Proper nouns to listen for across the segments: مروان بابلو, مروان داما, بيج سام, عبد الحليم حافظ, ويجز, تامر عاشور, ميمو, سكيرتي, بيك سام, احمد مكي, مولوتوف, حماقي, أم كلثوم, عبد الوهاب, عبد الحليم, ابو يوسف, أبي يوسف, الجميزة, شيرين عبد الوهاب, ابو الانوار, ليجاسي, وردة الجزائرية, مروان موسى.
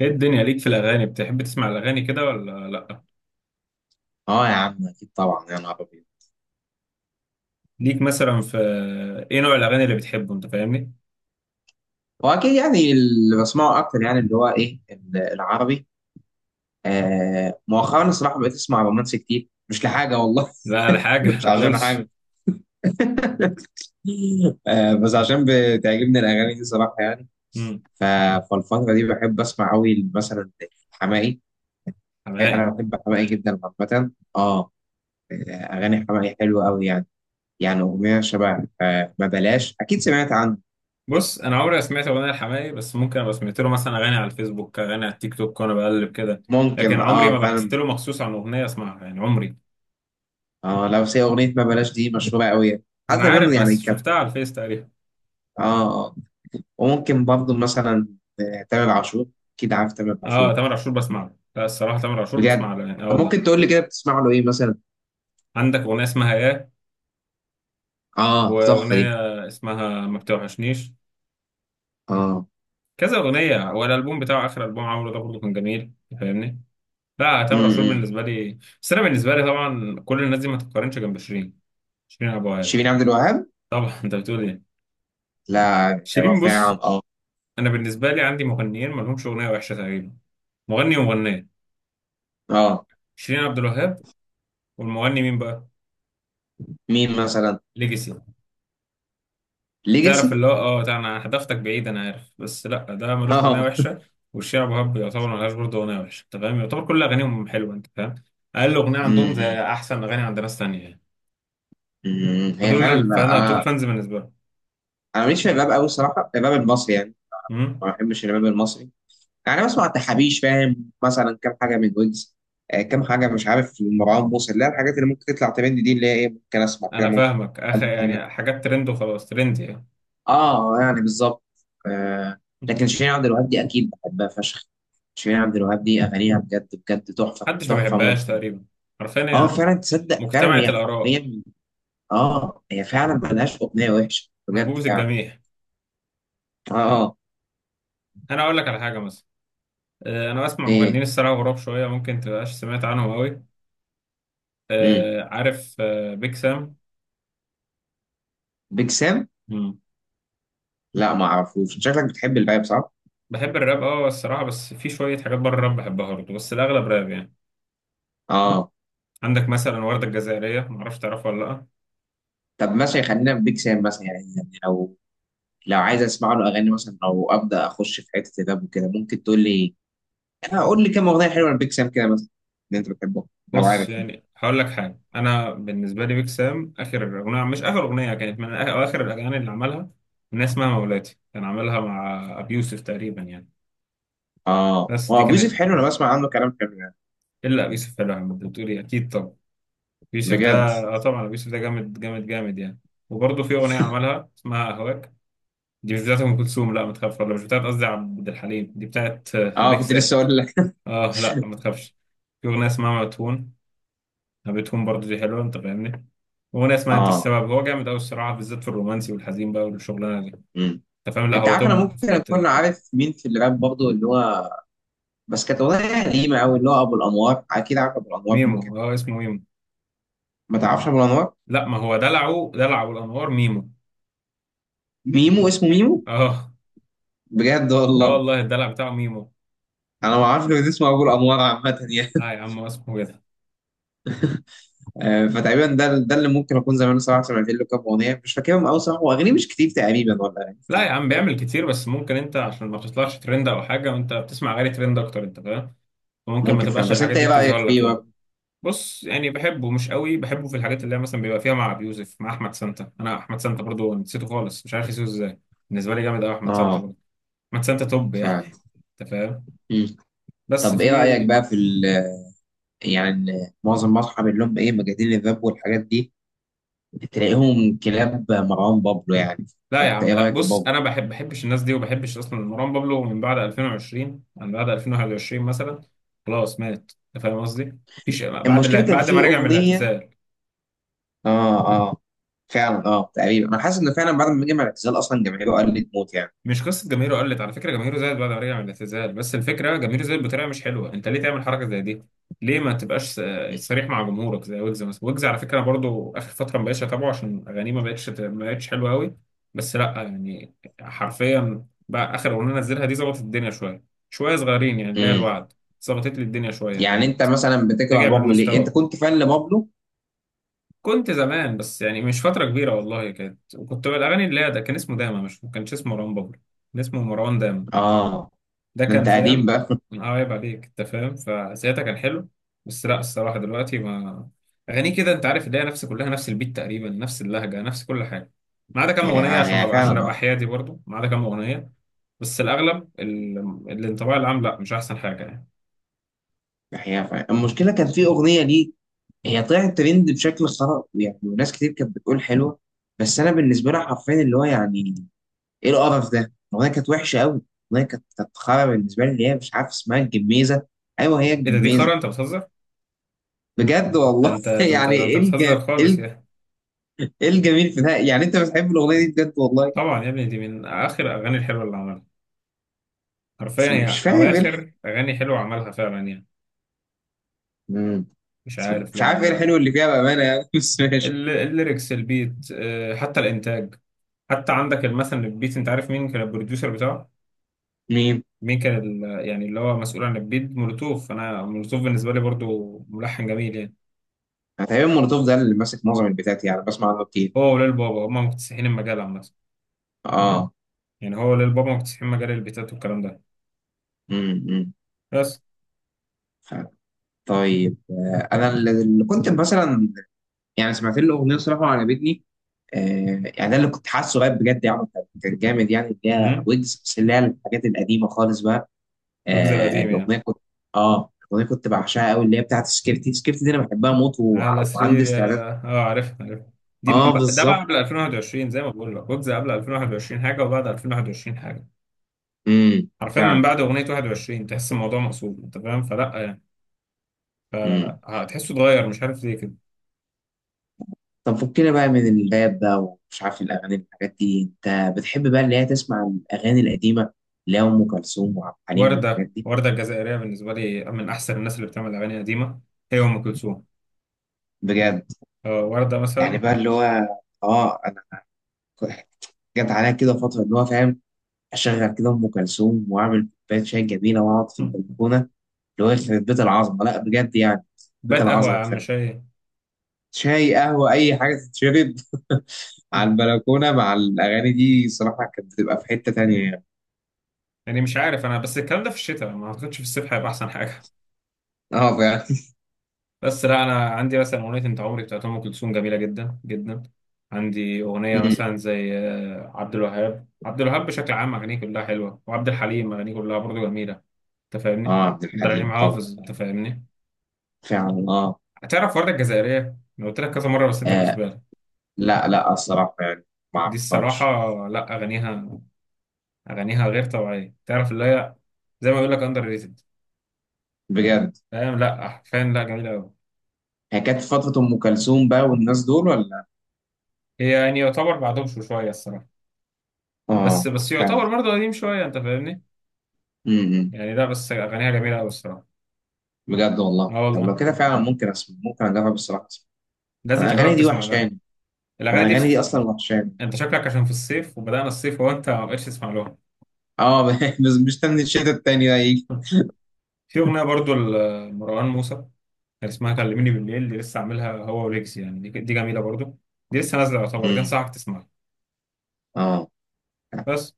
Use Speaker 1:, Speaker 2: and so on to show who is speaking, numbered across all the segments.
Speaker 1: ايه الدنيا ليك في الاغاني؟ بتحب تسمع الاغاني كده ولا لا؟
Speaker 2: اه يا عم اكيد طبعا، يا نهار ابيض.
Speaker 1: ليك مثلا في ايه نوع الاغاني اللي بتحبه؟ انت فاهمني.
Speaker 2: هو اكيد يعني اللي بسمعه اكتر يعني اللي هو ايه العربي. مؤخرا الصراحه بقيت اسمع رومانسي كتير، مش لحاجه والله.
Speaker 1: لا لا، حاجه
Speaker 2: مش
Speaker 1: ما
Speaker 2: عشان
Speaker 1: تقولش.
Speaker 2: حاجه. بس عشان بتعجبني الاغاني دي صراحه يعني.
Speaker 1: امم
Speaker 2: ف- فالفتره دي بحب اسمع قوي مثلا حماقي.
Speaker 1: حماقي.
Speaker 2: انا بحب حماقي جدا عامه. اه، اغاني حماقي حلوه قوي يعني. يعني اغنيه شبه ما بلاش، اكيد سمعت عنه.
Speaker 1: بص، انا عمري ما سمعت اغنيه لحماقي، بس ممكن ابقى سمعت له مثلا اغاني على الفيسبوك، اغاني على التيك توك وانا بقلب كده، لكن
Speaker 2: ممكن،
Speaker 1: عمري
Speaker 2: اه
Speaker 1: ما بحثت
Speaker 2: فعلا.
Speaker 1: له مخصوص عن اغنيه اسمعها يعني عمري.
Speaker 2: اه، لو سي اغنيه ما بلاش دي مشهوره قوي.
Speaker 1: انا
Speaker 2: حتى منه
Speaker 1: عارف
Speaker 2: يعني.
Speaker 1: بس شفتها على الفيس تقريبا.
Speaker 2: اه آه. وممكن برضه مثلا تامر عاشور. اكيد عارف تامر عاشور؟
Speaker 1: اه، تامر عاشور بسمع له، لا الصراحه تامر عاشور
Speaker 2: بجد.
Speaker 1: بسمع له يعني، اه
Speaker 2: طب
Speaker 1: والله.
Speaker 2: ممكن تقول لي كده بتسمع له ايه مثلا؟
Speaker 1: عندك اغنيه اسمها ياه،
Speaker 2: اه، دي تحفه دي.
Speaker 1: واغنيه اسمها ما بتوحشنيش،
Speaker 2: اه.
Speaker 1: كذا اغنيه، والالبوم بتاعه اخر البوم عمله ده برضه كان جميل. فاهمني؟ لا تامر عاشور
Speaker 2: امم.
Speaker 1: بالنسبه لي، بس انا بالنسبه لي طبعا كل الناس دي ما تتقارنش جنب شيرين. شيرين ابو عال.
Speaker 2: شيرين عبد الوهاب.
Speaker 1: طبعا انت بتقول ايه؟
Speaker 2: لا، هو
Speaker 1: شيرين، بص،
Speaker 2: فعلا اه.
Speaker 1: انا بالنسبه لي عندي مغنيين ما لهمش اغنيه وحشه تقريبا، مغني ومغنيه.
Speaker 2: اه،
Speaker 1: شيرين عبد الوهاب، والمغني مين بقى؟
Speaker 2: مين مثلا؟
Speaker 1: ليجاسي. تعرف
Speaker 2: ليجاسي.
Speaker 1: اللي هو اه، ده انا هدفتك بعيد، انا عارف، بس لا ده ملوش اغنيه
Speaker 2: اه.
Speaker 1: وحشه. والشيرين ابو وهاب يعتبر ملهاش برضه اغنيه وحشه، انت فاهم، يعتبر كل اغانيهم حلوه انت فاهم. اقل اغنيه عندهم زي
Speaker 2: امم.
Speaker 1: احسن اغاني عند ناس تانية يعني.
Speaker 2: أمم. هي فعلا.
Speaker 1: فانا توب
Speaker 2: انا
Speaker 1: فانز بالنسبه لهم.
Speaker 2: انا ماليش في الراب قوي الصراحه، الراب المصري يعني. ما
Speaker 1: مم.
Speaker 2: بحبش الراب المصري. يعني بسمع التحابيش، فاهم؟ مثلا كام حاجه من ويجز. كام حاجه مش عارف، مروان موسى، اللي هي الحاجات اللي ممكن تطلع ترند دي، اللي هي ايه، ممكن اسمع كده،
Speaker 1: انا
Speaker 2: ممكن
Speaker 1: فاهمك، اخ
Speaker 2: كام حاجه.
Speaker 1: يعني حاجات ترند وخلاص، ترند يعني.
Speaker 2: اه يعني بالظبط. آه لكن شيرين عبد الوهاب دي اكيد بحبها فشخ. شيرين عبد الوهاب دي اغانيها بجد بجد تحفه
Speaker 1: محدش ما
Speaker 2: تحفه
Speaker 1: بيحبهاش
Speaker 2: ممتنه.
Speaker 1: تقريبا، حرفيا
Speaker 2: اه
Speaker 1: هي
Speaker 2: فعلا، تصدق فعلا
Speaker 1: مجتمعة
Speaker 2: هي
Speaker 1: الآراء،
Speaker 2: حرفيا. اه، هي فعلا ملهاش اغنيه وحشه بجد
Speaker 1: محبوبة
Speaker 2: فعلا.
Speaker 1: الجميع.
Speaker 2: اه. اه.
Speaker 1: أنا أقول لك على حاجة مثلا. أنا بسمع
Speaker 2: ايه؟
Speaker 1: مغنيين الصراحة غراب شوية، ممكن تبقاش سمعت عنهم أوي.
Speaker 2: امم.
Speaker 1: عارف بيك سام.
Speaker 2: بيج سام.
Speaker 1: مم.
Speaker 2: لا ما اعرفوش. شكلك بتحب الراب صح؟
Speaker 1: بحب الراب، أه الصراحة، بس في شوية حاجات بره الراب بحبها برضه، بس الأغلب راب يعني.
Speaker 2: اه،
Speaker 1: عندك مثلا وردة الجزائرية، معرفش تعرفها ولا لأ.
Speaker 2: طب مثلا خلينا في بيك سام مثلا، يعني لو عايز اسمع له اغاني مثلا، او ابدا اخش في حته الراب وكده، ممكن تقول لي قول لي كام اغنيه حلوه لبيك سام كده مثلا، اللي انت بتحبه لو
Speaker 1: بص
Speaker 2: عارف يعني.
Speaker 1: يعني هقول لك حاجه، انا بالنسبه لي بيك سام اخر اغنيه، مش اخر اغنيه، كانت من أو اخر الاغاني اللي عملها، اغنيه اسمها مولاتي كان عملها مع ابي يوسف تقريبا يعني.
Speaker 2: اه،
Speaker 1: بس
Speaker 2: هو
Speaker 1: دي
Speaker 2: ابو يوسف
Speaker 1: كانت،
Speaker 2: حلو، انا بسمع عنه كلام حلو يعني.
Speaker 1: الا ابي يوسف حلوه يعني، انت بتقولي اكيد، طب ابي يوسف ده،
Speaker 2: بجد.
Speaker 1: اه طبعا ابي يوسف ده جامد جامد جامد يعني. وبرضه في اغنيه عملها اسمها اهواك، دي مش بتاعت ام كلثوم، لا ما تخافش، ولا مش بتاعت، قصدي عبد الحليم، دي بتاعت
Speaker 2: اه
Speaker 1: بيك
Speaker 2: كنت لسه
Speaker 1: سام.
Speaker 2: اقول لك.
Speaker 1: اه لا ما تخافش. في اغنيه اسمها مدفون، هابتهم برضه دي حلوه انت فاهمني. وانا اسمها انت
Speaker 2: اه.
Speaker 1: السبب، هو جامد قوي الصراحه بالذات في الرومانسي والحزين بقى والشغلانه دي.
Speaker 2: امم.
Speaker 1: انت فاهم، لا
Speaker 2: انت
Speaker 1: هو
Speaker 2: عارف، انا
Speaker 1: توب في
Speaker 2: ممكن
Speaker 1: الحته
Speaker 2: اكون
Speaker 1: دي.
Speaker 2: عارف مين في الراب برضه، اللي هو بس كانت اغنيه قديمه قوي، اللي هو ابو الانوار. اكيد عارف ابو الانوار؟
Speaker 1: ميمو،
Speaker 2: ممكن
Speaker 1: اه اسمه ميمو.
Speaker 2: ما تعرفش ابو الانوار.
Speaker 1: لا ما هو دلعه، دلعه الانوار ميمو.
Speaker 2: ميمو، اسمه ميمو؟
Speaker 1: اه،
Speaker 2: بجد
Speaker 1: اه
Speaker 2: والله.
Speaker 1: والله، الدلع بتاعه ميمو.
Speaker 2: انا ما اعرفش غير اسمه ابو الانوار عامه يعني.
Speaker 1: لا يا عم، هو اسمه كده.
Speaker 2: فتقريبا ده اللي ممكن اكون زمان صراحه سمعت له كام اغنيه، مش فاكرهم قوي صراحه، واغانيه مش كتير تقريبا، ولا أغاني
Speaker 1: لا يا
Speaker 2: كتير.
Speaker 1: عم بيعمل كتير، بس ممكن انت عشان ما تطلعش ترند او حاجه، وانت بتسمع غير ترند اكتر، انت فاهم، فممكن ما
Speaker 2: ممكن فعلا،
Speaker 1: تبقاش
Speaker 2: بس انت
Speaker 1: الحاجات دي
Speaker 2: ايه رايك
Speaker 1: بتظهر لك
Speaker 2: فيه
Speaker 1: يعني.
Speaker 2: برضه؟
Speaker 1: بص يعني، بحبه مش قوي، بحبه في الحاجات اللي هي مثلا بيبقى فيها مع ابي يوسف، مع احمد سانتا. انا احمد سانتا برضو نسيته خالص، مش عارف نسيته ازاي. بالنسبه لي جامد قوي احمد سانتا
Speaker 2: اه
Speaker 1: برضو، احمد سانتا توب يعني.
Speaker 2: فعلا.
Speaker 1: انت فاهم.
Speaker 2: مم.
Speaker 1: بس
Speaker 2: طب ايه
Speaker 1: في،
Speaker 2: رايك بقى في يعني معظم اصحابي اللي هم ايه، مجانين الراب والحاجات دي، تلاقيهم كلاب مروان بابلو يعني.
Speaker 1: لا يا
Speaker 2: فانت
Speaker 1: عم
Speaker 2: ايه
Speaker 1: لا،
Speaker 2: رايك في
Speaker 1: بص
Speaker 2: بابلو؟
Speaker 1: انا بحبش الناس دي، وبحبش اصلا مروان بابلو من بعد 2020، من بعد 2021 مثلا. خلاص مات، انت فاهم قصدي، مفيش
Speaker 2: المشكله كان
Speaker 1: بعد
Speaker 2: في
Speaker 1: ما رجع من
Speaker 2: اغنيه.
Speaker 1: الاعتزال.
Speaker 2: اه اه، فعلا اه. تقريبا انا حاسس انه فعلا بعد ما جه مع الاعتزال اصلا جماهيره قلت موت يعني.
Speaker 1: مش قصة جماهيره قلت، على فكرة جماهيره زادت بعد ما رجع من الاعتزال، بس الفكرة جماهيره زادت بطريقة مش حلوة. انت ليه تعمل حركة زي دي؟ ليه ما تبقاش صريح مع جمهورك زي ويجز مثلا. ويجز على فكرة برضو آخر فترة ما بقتش أتابعه عشان أغانيه ما بقتش حلوة قوي. بس لا يعني، حرفيا بقى آخر أغنية نزلها دي ظبطت الدنيا شوية، شوية صغيرين يعني، اللي هي
Speaker 2: مم.
Speaker 1: الوعد، ظبطت لي الدنيا شوية يعني،
Speaker 2: يعني انت
Speaker 1: بقت
Speaker 2: مثلا بتكره
Speaker 1: رجع
Speaker 2: بابلو ليه؟ انت
Speaker 1: بالمستوى.
Speaker 2: كنت فان لبابلو؟
Speaker 1: كنت زمان بس يعني مش فترة كبيرة والله كانت، وكنت الأغاني اللي هي، ده كان اسمه داما، مش ما كانش اسمه مروان بابلو، كان اسمه مروان داما،
Speaker 2: اه
Speaker 1: ده
Speaker 2: ده
Speaker 1: كان
Speaker 2: انت قديم
Speaker 1: فاهم،
Speaker 2: بقى
Speaker 1: من عيب عليك انت فاهم، فساعتها كان حلو. بس لا الصراحه دلوقتي، ما اغانيه كده انت عارف اللي هي نفس، كلها نفس البيت تقريبا، نفس اللهجه، نفس كل حاجه، ما عدا كام
Speaker 2: هي
Speaker 1: اغنيه عشان ما
Speaker 2: هي
Speaker 1: أبقى-
Speaker 2: فعلا
Speaker 1: عشان ابقى
Speaker 2: اه.
Speaker 1: حيادي برضو، ما عدا كام اغنيه. بس الاغلب ال- الانطباع العام لا مش احسن حاجه يعني.
Speaker 2: هي فعلا. المشكله كان في اغنيه ليه؟ هي طلعت ترند بشكل خرا يعني، وناس كتير كانت بتقول حلوه. بس انا بالنسبه لي حرفيا اللي هو يعني، ايه القرف ده؟ الاغنيه كانت وحشه قوي. الاغنيه كانت خرا بالنسبه لي، اللي هي مش عارف اسمها الجميزه. ايوه، هي
Speaker 1: ايه ده؟ دي
Speaker 2: الجميزه.
Speaker 1: خرا، انت بتهزر،
Speaker 2: بجد
Speaker 1: ده
Speaker 2: والله
Speaker 1: انت ده انت
Speaker 2: يعني
Speaker 1: ده انت
Speaker 2: ايه
Speaker 1: بتهزر خالص يعني.
Speaker 2: إيه الجميل في ده يعني؟ انت بتحب الاغنيه دي بجد والله؟
Speaker 1: طبعا يا ابني، دي من اخر اغاني الحلوه اللي عملها،
Speaker 2: بس
Speaker 1: حرفيا
Speaker 2: مش
Speaker 1: هي
Speaker 2: فاهم ايه
Speaker 1: اواخر اغاني حلوه عملها فعلا يعني.
Speaker 2: مم.
Speaker 1: مش
Speaker 2: بس
Speaker 1: عارف،
Speaker 2: مش
Speaker 1: لا
Speaker 2: عارف ايه
Speaker 1: انا
Speaker 2: الحلو اللي فيها بامانه يعني بس ماشي.
Speaker 1: الليركس، البيت، حتى الانتاج. حتى عندك مثلا البيت، انت عارف مين كان البروديوسر بتاعه؟
Speaker 2: مين؟
Speaker 1: مين كان يعني اللي هو مسؤول عن البيت؟ مولوتوف. انا مولوتوف بالنسبه لي برضو ملحن جميل يعني.
Speaker 2: أنا تقريبا مولوتوف ده اللي ماسك معظم البتاعات يعني، بسمع عنه كتير.
Speaker 1: هو وليل بابا هما مكتسحين المجال عامه.
Speaker 2: مم. اه.
Speaker 1: يعني هو وليل بابا مكتسحين مجال البيتات والكلام ده.
Speaker 2: امم.
Speaker 1: بس،
Speaker 2: ف- طيب، انا اللي كنت مثلا يعني سمعت له اغنيه صراحه وعجبتني. يعني ده اللي كنت حاسه بقى بجد يعني، كان جامد يعني، اللي هي
Speaker 1: امم،
Speaker 2: ويجز، بس اللي هي الحاجات القديمه خالص بقى.
Speaker 1: الجزء
Speaker 2: آه،
Speaker 1: القديم يعني،
Speaker 2: الاغنيه كنت اه الاغنيه كنت بعشقها قوي، اللي هي بتاعت سكيرتي، سكيرتي دي انا بحبها موت،
Speaker 1: على
Speaker 2: وعندي
Speaker 1: سرير يا،
Speaker 2: استعداد.
Speaker 1: اه عرفت عرفت. دي من-
Speaker 2: اه
Speaker 1: ده بقى قبل
Speaker 2: بالظبط.
Speaker 1: 2021، زي ما بقول لك وجز، قبل 2021 حاجه، وبعد 2021 حاجه. حرفيا من
Speaker 2: فعلا.
Speaker 1: بعد اغنيه 21 تحس الموضوع مقصود، انت فاهم، فلا يعني، فهتحسه اتغير مش عارف ليه كده.
Speaker 2: طب فكنا بقى من الراب بقى، ومش عارف الأغاني والحاجات دي، أنت بتحب بقى اللي هي تسمع الأغاني القديمة، اللي هي أم كلثوم وعبد الحليم
Speaker 1: وردة
Speaker 2: والحاجات دي؟
Speaker 1: وردة الجزائرية بالنسبة لي من أحسن الناس اللي بتعمل أغاني قديمة. هي أم كلثوم،
Speaker 2: بجد
Speaker 1: وردة
Speaker 2: يعني
Speaker 1: مثلا.
Speaker 2: بقى اللي هو أنا ك- جت عليا كده فترة اللي هو فاهم، أشغل كده أم كلثوم وأعمل كوباية شاي جميلة وأقعد في
Speaker 1: مم.
Speaker 2: البلكونة، اللي هو يخرب بيت العظمة، لا بجد يعني. بيت
Speaker 1: بيت قهوة يا
Speaker 2: العظمة
Speaker 1: عم،
Speaker 2: فعلا.
Speaker 1: شاي.
Speaker 2: شاي، قهوة، أي حاجة تتشرب على
Speaker 1: مم.
Speaker 2: البلكونة مع الأغاني دي صراحة، كانت بتبقى في حتة تانية يعني.
Speaker 1: يعني مش عارف، أنا بس الكلام ده في الشتاء، ما أعتقدش في الصيف هيبقى أحسن حاجة.
Speaker 2: آه فعلا.
Speaker 1: بس لا، أنا عندي مثلا أغنية أنت عمري بتاعت أم كلثوم، جميلة جدا جدا. عندي أغنية
Speaker 2: أمم.
Speaker 1: مثلا زي عبد الوهاب. عبد الوهاب بشكل عام أغانيه كلها حلوة، وعبد الحليم أغانيه كلها برضه جميلة. أنت
Speaker 2: آه،
Speaker 1: فاهمني؟
Speaker 2: عبد
Speaker 1: عبد الحليم
Speaker 2: الحليم طبعا.
Speaker 1: حافظ، أنت فاهمني؟
Speaker 2: فعلا اه.
Speaker 1: هتعرف وردة الجزائرية؟ أنا قلت لك كذا مرة بس أنت مش
Speaker 2: آه،
Speaker 1: بالك.
Speaker 2: لا لا، الصراحة يعني ما
Speaker 1: دي الصراحة،
Speaker 2: اعرفهاش.
Speaker 1: لا أغانيها، أغانيها غير طبيعية، تعرف اللي هي زي ما بيقول لك أندر ريتد.
Speaker 2: بجد.
Speaker 1: فاهم، لا حرفيا لا جميلة أوي.
Speaker 2: هي كانت في فترة أم كلثوم بقى والناس دول ولا؟
Speaker 1: هي يعني يعتبر بعدهم شوية الصراحة. بس
Speaker 2: اه
Speaker 1: بس
Speaker 2: فعلا.
Speaker 1: يعتبر برضه قديم شوية أنت فاهمني.
Speaker 2: امم.
Speaker 1: يعني لا بس أغانيها جميلة أوي الصراحة.
Speaker 2: بجد
Speaker 1: أه
Speaker 2: والله، طب لو
Speaker 1: والله،
Speaker 2: كده فعلا ممكن اسمع، ممكن اجرب الصراحة اسمع.
Speaker 1: لازم
Speaker 2: انا الاغاني
Speaker 1: تجرب
Speaker 2: دي
Speaker 1: تسمع لها.
Speaker 2: وحشاني. انا
Speaker 1: الأغاني دي
Speaker 2: الاغاني
Speaker 1: في-
Speaker 2: دي اصلا وحشاني.
Speaker 1: أنت شكلك عشان في الصيف، وبدأنا الصيف، وهو أنت ما بقتش تسمع لها.
Speaker 2: اه بس مستني الشتا التاني ده يجي.
Speaker 1: في أغنية برضه لمروان موسى كان اسمها كلميني بالليل، دي لسه عاملها هو وليجز يعني، دي جميلة برضه، دي لسه نازلة يعتبر، دي
Speaker 2: امم.
Speaker 1: أنصحك تسمعها.
Speaker 2: اه.
Speaker 1: بس،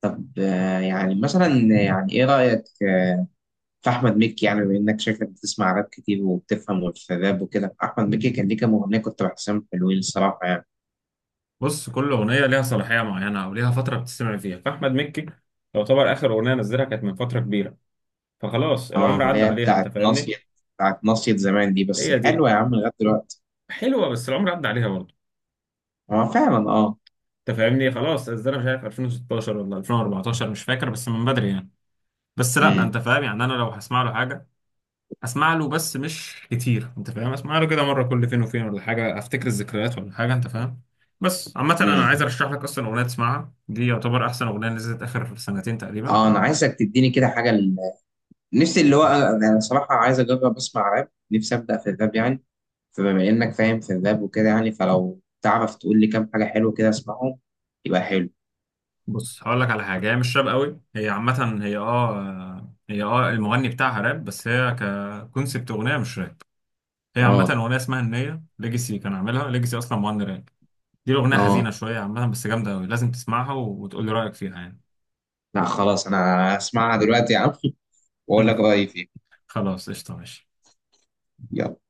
Speaker 2: طب يعني مثلا، يعني ايه رأيك في احمد مكي؟ يعني بما انك شايفك بتسمع راب كتير وبتفهم في الراب وكده، احمد مكي كان ليه كام اغنيه كنت بحسهم حلوين الصراحه يعني.
Speaker 1: بص كل اغنيه ليها صلاحيه معينه، او ليها فتره بتستمع فيها. فاحمد مكي يعتبر اخر اغنيه نزلها كانت من فتره كبيره، فخلاص
Speaker 2: اه،
Speaker 1: العمر
Speaker 2: اللي
Speaker 1: عدى
Speaker 2: هي
Speaker 1: عليها انت
Speaker 2: بتاعت مصيد.
Speaker 1: فاهمني.
Speaker 2: بتاعت مصيد زمان دي بس
Speaker 1: هي دي
Speaker 2: حلوة يا عم لغاية دلوقتي.
Speaker 1: حلوه، بس العمر عدى عليها برضه.
Speaker 2: هو فعلا اه.
Speaker 1: انت فاهمني، خلاص انا مش عارف 2016 ولا 2014، مش فاكر، بس من بدري يعني. بس لا
Speaker 2: امم.
Speaker 1: انت فاهم يعني، انا لو هسمع له حاجه اسمع له، بس مش كتير انت فاهم، اسمع له كده مره كل فين وفين ولا حاجه، افتكر الذكريات ولا حاجه انت فاهم. بس عامه انا عايز
Speaker 2: امم.
Speaker 1: ارشح لك اصلا اغنيه تسمعها، دي يعتبر احسن اغنيه نزلت اخر سنتين تقريبا.
Speaker 2: اه، انا عايزك تديني كده حاجة. ال- نفسي اللي هو انا أنا صراحة عايز اجرب اسمع راب، نفسي ابدأ في الراب يعني. فبما انك فاهم في الراب وكده يعني، فلو تعرف تقول لي كام حاجة حلوة كده اسمعهم يبقى حلو.
Speaker 1: بص هقول لك على حاجه، هي مش راب قوي، هي عامه، هي المغني بتاعها راب، بس هي ككونسبت اغنيه مش راب. هي عامه
Speaker 2: اه.
Speaker 1: اغنيه اسمها النيه ليجاسي، كان عاملها ليجاسي اصلا مغني راب. دي الاغنيه
Speaker 2: اه.
Speaker 1: حزينه شويه عامه، بس جامده قوي، لازم تسمعها وتقول لي رايك فيها يعني.
Speaker 2: لا خلاص، انا اسمعها دلوقتي يا عم واقول لك رأيي فيها.
Speaker 1: خلاص قشطه، ماشي.
Speaker 2: يلا.